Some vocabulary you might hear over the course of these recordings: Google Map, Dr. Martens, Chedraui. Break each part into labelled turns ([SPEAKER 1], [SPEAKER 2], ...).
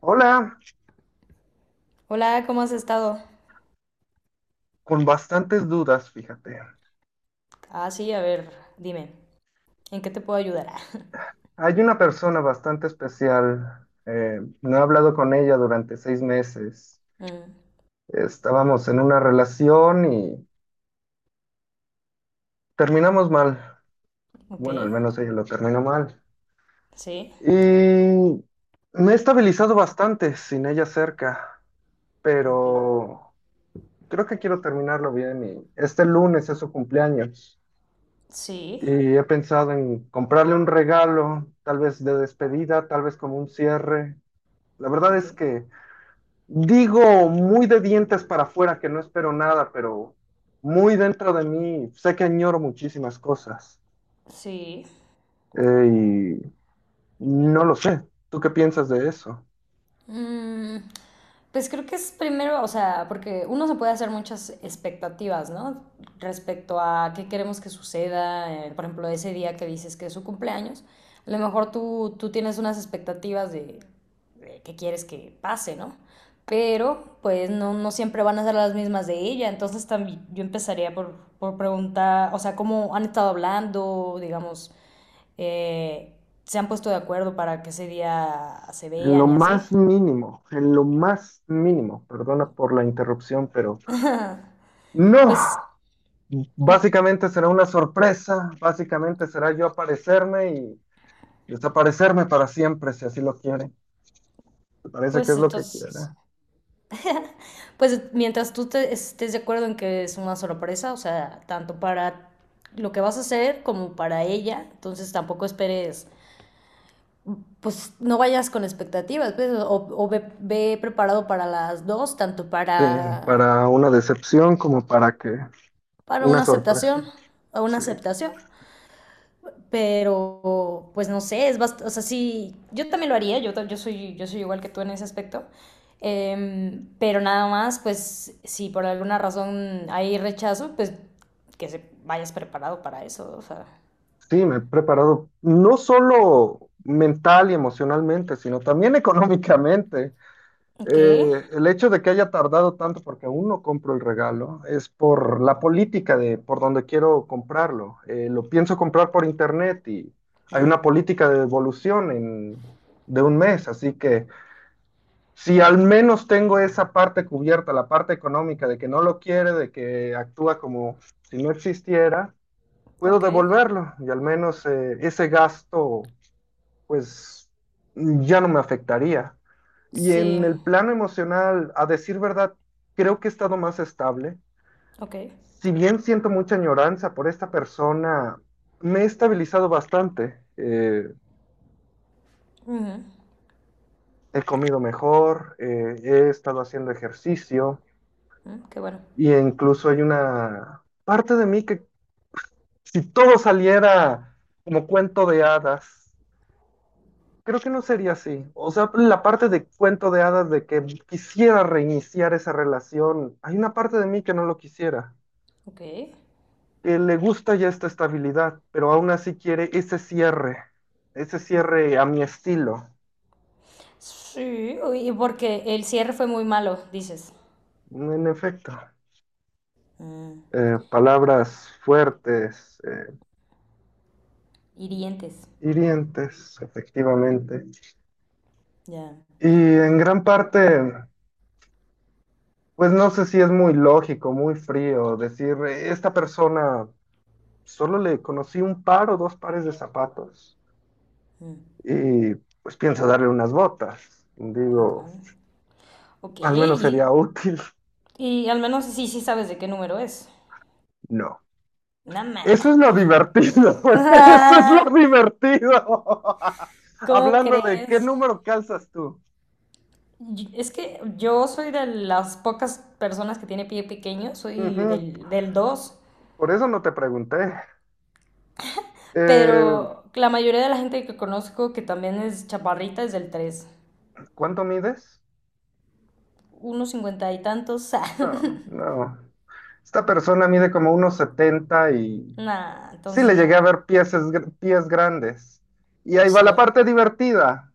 [SPEAKER 1] Hola,
[SPEAKER 2] Hola, ¿cómo has estado?
[SPEAKER 1] con bastantes dudas, fíjate.
[SPEAKER 2] Ah, sí, a ver, dime, ¿en qué te puedo ayudar?
[SPEAKER 1] Hay una persona bastante especial. No he hablado con ella durante 6 meses.
[SPEAKER 2] Mm,
[SPEAKER 1] Estábamos en una relación y terminamos mal.
[SPEAKER 2] ok.
[SPEAKER 1] Bueno, al menos ella lo terminó mal.
[SPEAKER 2] Sí,
[SPEAKER 1] Y me he estabilizado bastante sin ella cerca,
[SPEAKER 2] ok.
[SPEAKER 1] pero creo que quiero terminarlo bien y este lunes es su cumpleaños.
[SPEAKER 2] Sí,
[SPEAKER 1] Y he pensado en comprarle un regalo, tal vez de despedida, tal vez como un cierre. La verdad
[SPEAKER 2] ok.
[SPEAKER 1] es que digo muy de dientes para afuera que no espero nada, pero muy dentro de mí sé que añoro muchísimas cosas.
[SPEAKER 2] Sí.
[SPEAKER 1] Eh, y no lo sé. ¿Tú qué piensas de eso?
[SPEAKER 2] Mm, pues creo que es primero, o sea, porque uno se puede hacer muchas expectativas, ¿no? Respecto a qué queremos que suceda, por ejemplo, ese día que dices que es su cumpleaños, a lo mejor tú tienes unas expectativas de qué quieres que pase, ¿no? Pero pues no siempre van a ser las mismas de ella, entonces también yo empezaría por preguntar, o sea, cómo han estado hablando, digamos, eh, se han puesto de acuerdo para que ese día se
[SPEAKER 1] En lo
[SPEAKER 2] vean y así.
[SPEAKER 1] más mínimo, en lo más mínimo, perdona por la interrupción, pero no.
[SPEAKER 2] Pues, y-
[SPEAKER 1] Básicamente será una sorpresa, básicamente será yo aparecerme y desaparecerme para siempre si así lo quiere. Me parece que
[SPEAKER 2] pues
[SPEAKER 1] es lo que quiere.
[SPEAKER 2] entonces, pues mientras tú estés de acuerdo en que es una sorpresa, o sea, tanto para lo que vas a hacer como para ella, entonces tampoco esperes, pues no vayas con expectativas, pues, o ve, ve preparado para las dos, tanto
[SPEAKER 1] Sí, para una decepción como para que
[SPEAKER 2] para
[SPEAKER 1] una
[SPEAKER 2] una
[SPEAKER 1] sorpresa.
[SPEAKER 2] aceptación o una
[SPEAKER 1] Sí,
[SPEAKER 2] aceptación. Pero pues no sé, es bast o sea, sí, yo también lo haría, yo soy igual que tú en ese aspecto, pero nada más, pues si por alguna razón hay rechazo, pues que se vayas preparado para eso, o sea,
[SPEAKER 1] sí, me he preparado no solo mental y emocionalmente, sino también económicamente.
[SPEAKER 2] ok.
[SPEAKER 1] El hecho de que haya tardado tanto porque aún no compro el regalo es por la política de por donde quiero comprarlo. Lo pienso comprar por internet y hay una
[SPEAKER 2] Mm,
[SPEAKER 1] política de devolución de un mes, así que si al menos tengo esa parte cubierta, la parte económica de que no lo quiere, de que actúa como si no existiera, puedo
[SPEAKER 2] ok.
[SPEAKER 1] devolverlo y al menos ese gasto pues ya no me afectaría. Y en
[SPEAKER 2] Sí,
[SPEAKER 1] el plano emocional, a decir verdad, creo que he estado más estable.
[SPEAKER 2] ok.
[SPEAKER 1] Si bien siento mucha añoranza por esta persona, me he estabilizado bastante.
[SPEAKER 2] Ujú.
[SPEAKER 1] He comido mejor, he estado haciendo ejercicio.
[SPEAKER 2] Mm, qué bueno.
[SPEAKER 1] Y incluso hay una parte de mí que si todo saliera como cuento de hadas, creo que no sería así. O sea, la parte de cuento de hadas de que quisiera reiniciar esa relación, hay una parte de mí que no lo quisiera,
[SPEAKER 2] Ok.
[SPEAKER 1] que le gusta ya esta estabilidad, pero aún así quiere ese
[SPEAKER 2] Mm,
[SPEAKER 1] cierre a mi estilo.
[SPEAKER 2] sí, uy, porque el cierre fue muy malo, dices,
[SPEAKER 1] En efecto,
[SPEAKER 2] mm,
[SPEAKER 1] palabras fuertes,
[SPEAKER 2] hirientes.
[SPEAKER 1] hirientes, efectivamente.
[SPEAKER 2] Ya,
[SPEAKER 1] Y en gran parte... Pues no sé si es muy lógico, muy frío decir, Esta persona solo le conocí un par o dos pares de zapatos y pues pienso darle unas botas.
[SPEAKER 2] ok,
[SPEAKER 1] Digo,
[SPEAKER 2] ok,
[SPEAKER 1] al menos sería
[SPEAKER 2] y...
[SPEAKER 1] útil.
[SPEAKER 2] Y al menos sí, sí sabes de qué número es.
[SPEAKER 1] No. Eso es
[SPEAKER 2] Nada.
[SPEAKER 1] lo divertido, eso es lo divertido.
[SPEAKER 2] ¿Cómo
[SPEAKER 1] Hablando de qué
[SPEAKER 2] crees?
[SPEAKER 1] número calzas tú.
[SPEAKER 2] Es que yo soy de las pocas personas que tiene pie pequeño, soy
[SPEAKER 1] Ujú.
[SPEAKER 2] del 2.
[SPEAKER 1] Por eso no te pregunté. Eh,
[SPEAKER 2] Pero la mayoría de la gente que conozco que también es chaparrita es del 3.
[SPEAKER 1] ¿Cuánto mides?
[SPEAKER 2] Unos 50 y tantos. Ah.
[SPEAKER 1] No, no. Esta persona mide como unos 70 y
[SPEAKER 2] Nah,
[SPEAKER 1] sí,
[SPEAKER 2] entonces
[SPEAKER 1] le llegué a
[SPEAKER 2] no.
[SPEAKER 1] ver pies, pies grandes. Y ahí va
[SPEAKER 2] Sí.
[SPEAKER 1] la parte divertida.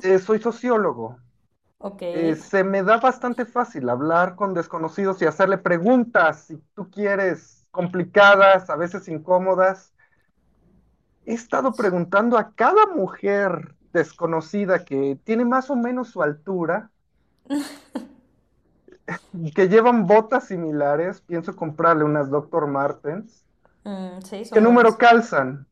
[SPEAKER 1] Soy sociólogo.
[SPEAKER 2] Ok.
[SPEAKER 1] Se me da bastante fácil hablar con desconocidos y hacerle preguntas, si tú quieres, complicadas, a veces incómodas. He estado preguntando a cada mujer desconocida que tiene más o menos su altura, que llevan botas similares, pienso comprarle unas Dr. Martens,
[SPEAKER 2] Mm, sí,
[SPEAKER 1] qué
[SPEAKER 2] son
[SPEAKER 1] número
[SPEAKER 2] buenas.
[SPEAKER 1] calzan.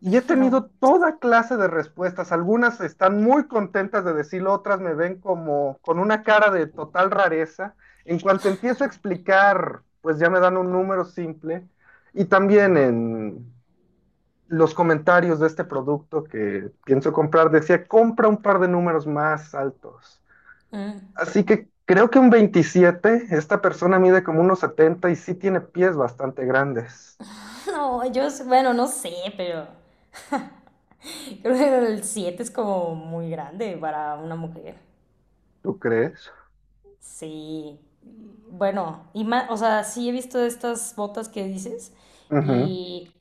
[SPEAKER 1] Y he tenido
[SPEAKER 2] No.
[SPEAKER 1] toda clase de respuestas. Algunas están muy contentas de decirlo, otras me ven como con una cara de total rareza. En cuanto empiezo a explicar, pues ya me dan un número simple. Y también en los comentarios de este producto que pienso comprar, decía, compra un par de números más altos.
[SPEAKER 2] Mm.
[SPEAKER 1] Así que creo que un 27. Esta persona mide como unos 70 y sí tiene pies bastante grandes.
[SPEAKER 2] No, yo, bueno, no sé, pero... creo que el 7 es como muy grande para una mujer.
[SPEAKER 1] ¿Tú crees?
[SPEAKER 2] Sí. Bueno, y más, o sea, sí he visto estas botas que dices
[SPEAKER 1] Ujú.
[SPEAKER 2] y,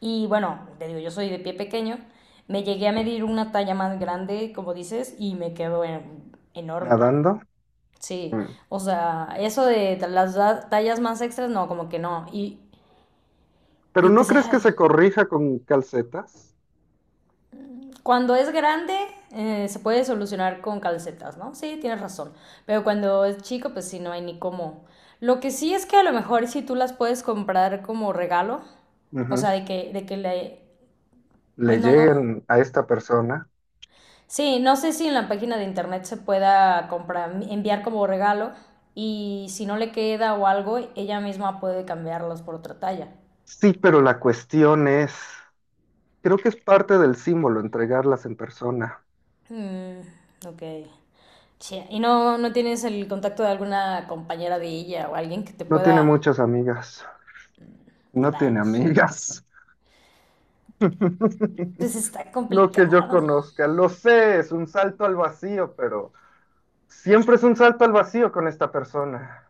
[SPEAKER 2] y bueno, te digo, yo soy de pie pequeño, me llegué a medir una talla más grande, como dices, y me quedo enorme.
[SPEAKER 1] Nadando.
[SPEAKER 2] Sí,
[SPEAKER 1] Mm.
[SPEAKER 2] o sea, eso de las tallas más extras, no, como que no.
[SPEAKER 1] Pero
[SPEAKER 2] Y
[SPEAKER 1] ¿no
[SPEAKER 2] pues,
[SPEAKER 1] crees que se
[SPEAKER 2] ay,
[SPEAKER 1] corrija con calcetas?
[SPEAKER 2] cuando es grande, se puede solucionar con calcetas, ¿no? Sí, tienes razón. Pero cuando es chico, pues sí, no hay ni cómo. Lo que sí es que a lo mejor si tú las puedes comprar como regalo, o sea,
[SPEAKER 1] Ujú.
[SPEAKER 2] de que le...
[SPEAKER 1] Le
[SPEAKER 2] Pues no, no.
[SPEAKER 1] lleguen a esta persona.
[SPEAKER 2] Sí, no sé si en la página de internet se pueda comprar, enviar como regalo y si no le queda o algo, ella misma puede cambiarlos por otra talla.
[SPEAKER 1] Sí, pero la cuestión es, creo que es parte del símbolo entregarlas en persona.
[SPEAKER 2] Mm, ok. Che, ¿Y no tienes el contacto de alguna compañera de ella o alguien que te
[SPEAKER 1] No tiene
[SPEAKER 2] pueda
[SPEAKER 1] muchas amigas. No tiene
[SPEAKER 2] rayos.
[SPEAKER 1] amigas.
[SPEAKER 2] Pues está
[SPEAKER 1] No que yo
[SPEAKER 2] complicado.
[SPEAKER 1] conozca, lo sé, es un salto al vacío, pero siempre es un salto al vacío con esta persona.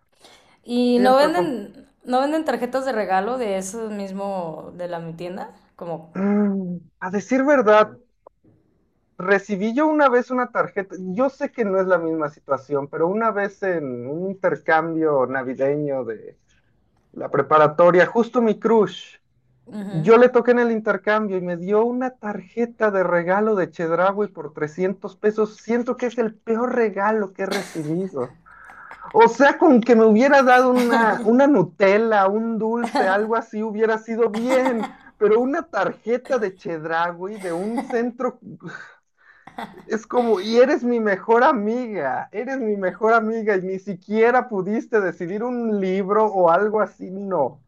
[SPEAKER 2] ¿Y
[SPEAKER 1] Siempre fue...
[SPEAKER 2] no venden tarjetas de regalo de eso mismo de la mi tienda? Como,
[SPEAKER 1] Mm, a decir verdad, recibí yo una vez una tarjeta, yo sé que no es la misma situación, pero una vez en un intercambio navideño de la preparatoria, justo mi crush,
[SPEAKER 2] ujú,
[SPEAKER 1] yo le toqué en el intercambio y me dio una tarjeta de regalo de Chedraui por 300 pesos. Siento que es el peor regalo que he recibido. O sea, con que me hubiera dado una Nutella, un dulce, algo así, hubiera sido bien. Pero una tarjeta de Chedraui de un centro es como, y eres mi mejor amiga, eres mi mejor amiga y ni siquiera pudiste decidir un libro o algo así, no.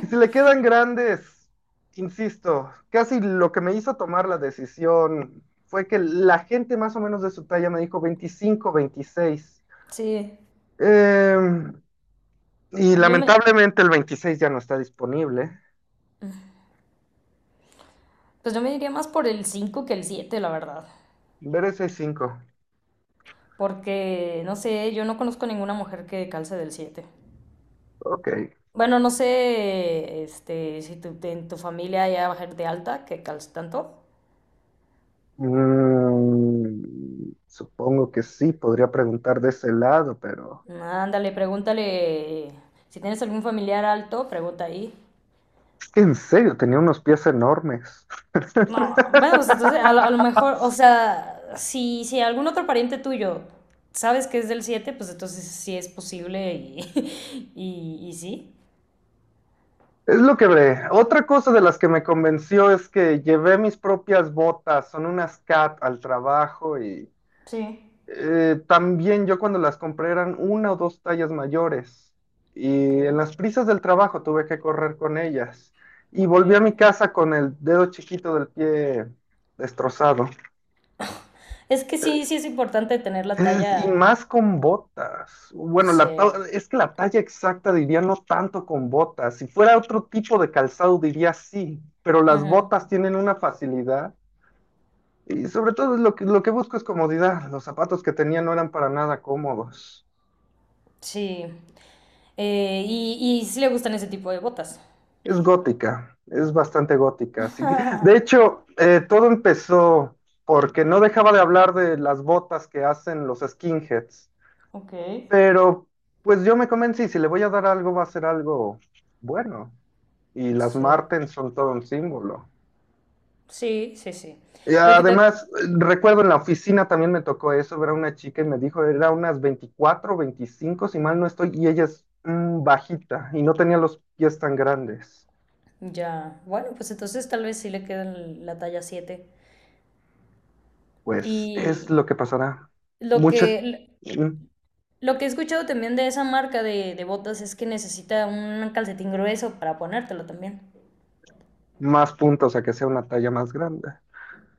[SPEAKER 1] Y si le quedan grandes, insisto, casi lo que me hizo tomar la decisión fue que la gente más o menos de su talla me dijo 25, 26.
[SPEAKER 2] sí.
[SPEAKER 1] Eh, y
[SPEAKER 2] Yo me,
[SPEAKER 1] lamentablemente el 26 ya no está disponible.
[SPEAKER 2] pues yo me diría más por el 5 que el 7, la verdad.
[SPEAKER 1] Veré 65.
[SPEAKER 2] Porque, no sé, yo no conozco ninguna mujer que calce del 7.
[SPEAKER 1] Ok.
[SPEAKER 2] Bueno, no sé, este, si en tu familia hay mujer de alta que calce tanto.
[SPEAKER 1] Supongo que sí, podría preguntar de ese lado, pero
[SPEAKER 2] Ándale, pregúntale. Si tienes algún familiar alto, pregunta ahí.
[SPEAKER 1] es que en serio, tenía unos pies enormes.
[SPEAKER 2] No, bueno, pues entonces a lo mejor, o sea, si algún otro pariente tuyo sabes que es del 7 pues entonces sí es posible y, y sí.
[SPEAKER 1] Es lo que ve. Otra cosa de las que me convenció es que llevé mis propias botas, son unas cat al trabajo y
[SPEAKER 2] Sí,
[SPEAKER 1] también yo cuando las compré eran una o dos tallas mayores
[SPEAKER 2] ok,
[SPEAKER 1] y en las prisas del trabajo tuve que correr con ellas y
[SPEAKER 2] ok.
[SPEAKER 1] volví a mi casa con el dedo chiquito del pie destrozado.
[SPEAKER 2] Es que sí, sí es importante tener la
[SPEAKER 1] Y
[SPEAKER 2] talla.
[SPEAKER 1] más con botas. Bueno,
[SPEAKER 2] Sí,
[SPEAKER 1] es que la talla exacta diría no tanto con botas. Si fuera otro tipo de calzado diría sí, pero las
[SPEAKER 2] ujú,
[SPEAKER 1] botas tienen una facilidad y sobre todo lo que busco es comodidad. Los zapatos que tenía no eran para nada cómodos.
[SPEAKER 2] sí. Y sí le gustan ese tipo de botas.
[SPEAKER 1] Es gótica, es bastante gótica. Así que, de hecho, todo empezó porque no dejaba de hablar de las botas que hacen los skinheads.
[SPEAKER 2] Ok,
[SPEAKER 1] Pero pues yo me convencí, si le voy a dar algo, va a ser algo bueno. Y las
[SPEAKER 2] sí.
[SPEAKER 1] Martens son todo un símbolo.
[SPEAKER 2] Sí, sí, sí.
[SPEAKER 1] Y
[SPEAKER 2] Lo que te...
[SPEAKER 1] además, recuerdo en la oficina también me tocó eso, ver a una chica y me dijo, era unas 24, 25. Si mal no estoy, y ella es bajita y no tenía los pies tan grandes.
[SPEAKER 2] Ya, bueno, pues entonces tal vez sí le queda la talla 7.
[SPEAKER 1] Pues es
[SPEAKER 2] Y
[SPEAKER 1] lo que pasará.
[SPEAKER 2] lo
[SPEAKER 1] Muchas
[SPEAKER 2] que,
[SPEAKER 1] mm,
[SPEAKER 2] lo que he escuchado también de esa marca de botas es que necesita un calcetín grueso para ponértelo también.
[SPEAKER 1] Más puntos a que sea una talla más grande.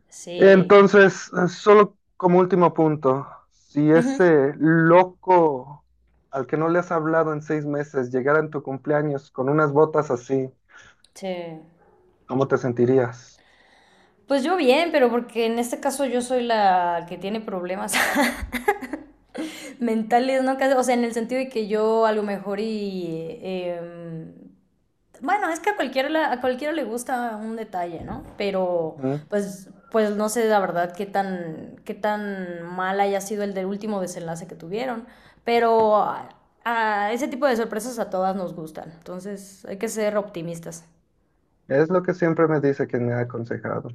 [SPEAKER 2] Sí.
[SPEAKER 1] Entonces, solo como último punto, si
[SPEAKER 2] Ujú,
[SPEAKER 1] ese loco al que no le has hablado en 6 meses llegara en tu cumpleaños con unas botas así,
[SPEAKER 2] sí.
[SPEAKER 1] ¿cómo te sentirías?
[SPEAKER 2] Pues yo bien, pero porque en este caso yo soy la que tiene problemas mentales, ¿no? Casi- o sea, en el sentido de que yo a lo mejor y em, bueno, es que a cualquiera le gusta un detalle, ¿no? Pero
[SPEAKER 1] Ujú.
[SPEAKER 2] pues, pues no sé la verdad qué tan mal haya sido el del último desenlace que tuvieron. Pero a ese tipo de sorpresas a todas nos gustan. Entonces hay que ser optimistas.
[SPEAKER 1] Es lo que siempre me dice quien me ha aconsejado.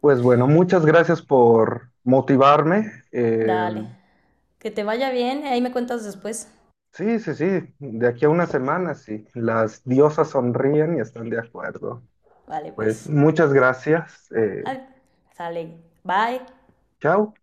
[SPEAKER 1] Pues bueno, muchas gracias por motivarme.
[SPEAKER 2] Dale. Que te vaya bien. Ahí me cuentas después.
[SPEAKER 1] Sí, sí, sí, de aquí a una semana, sí. Las diosas sonríen y están de acuerdo.
[SPEAKER 2] Vale,
[SPEAKER 1] Pues
[SPEAKER 2] pues.
[SPEAKER 1] muchas gracias.
[SPEAKER 2] Ay, sale. Bye.
[SPEAKER 1] Chao.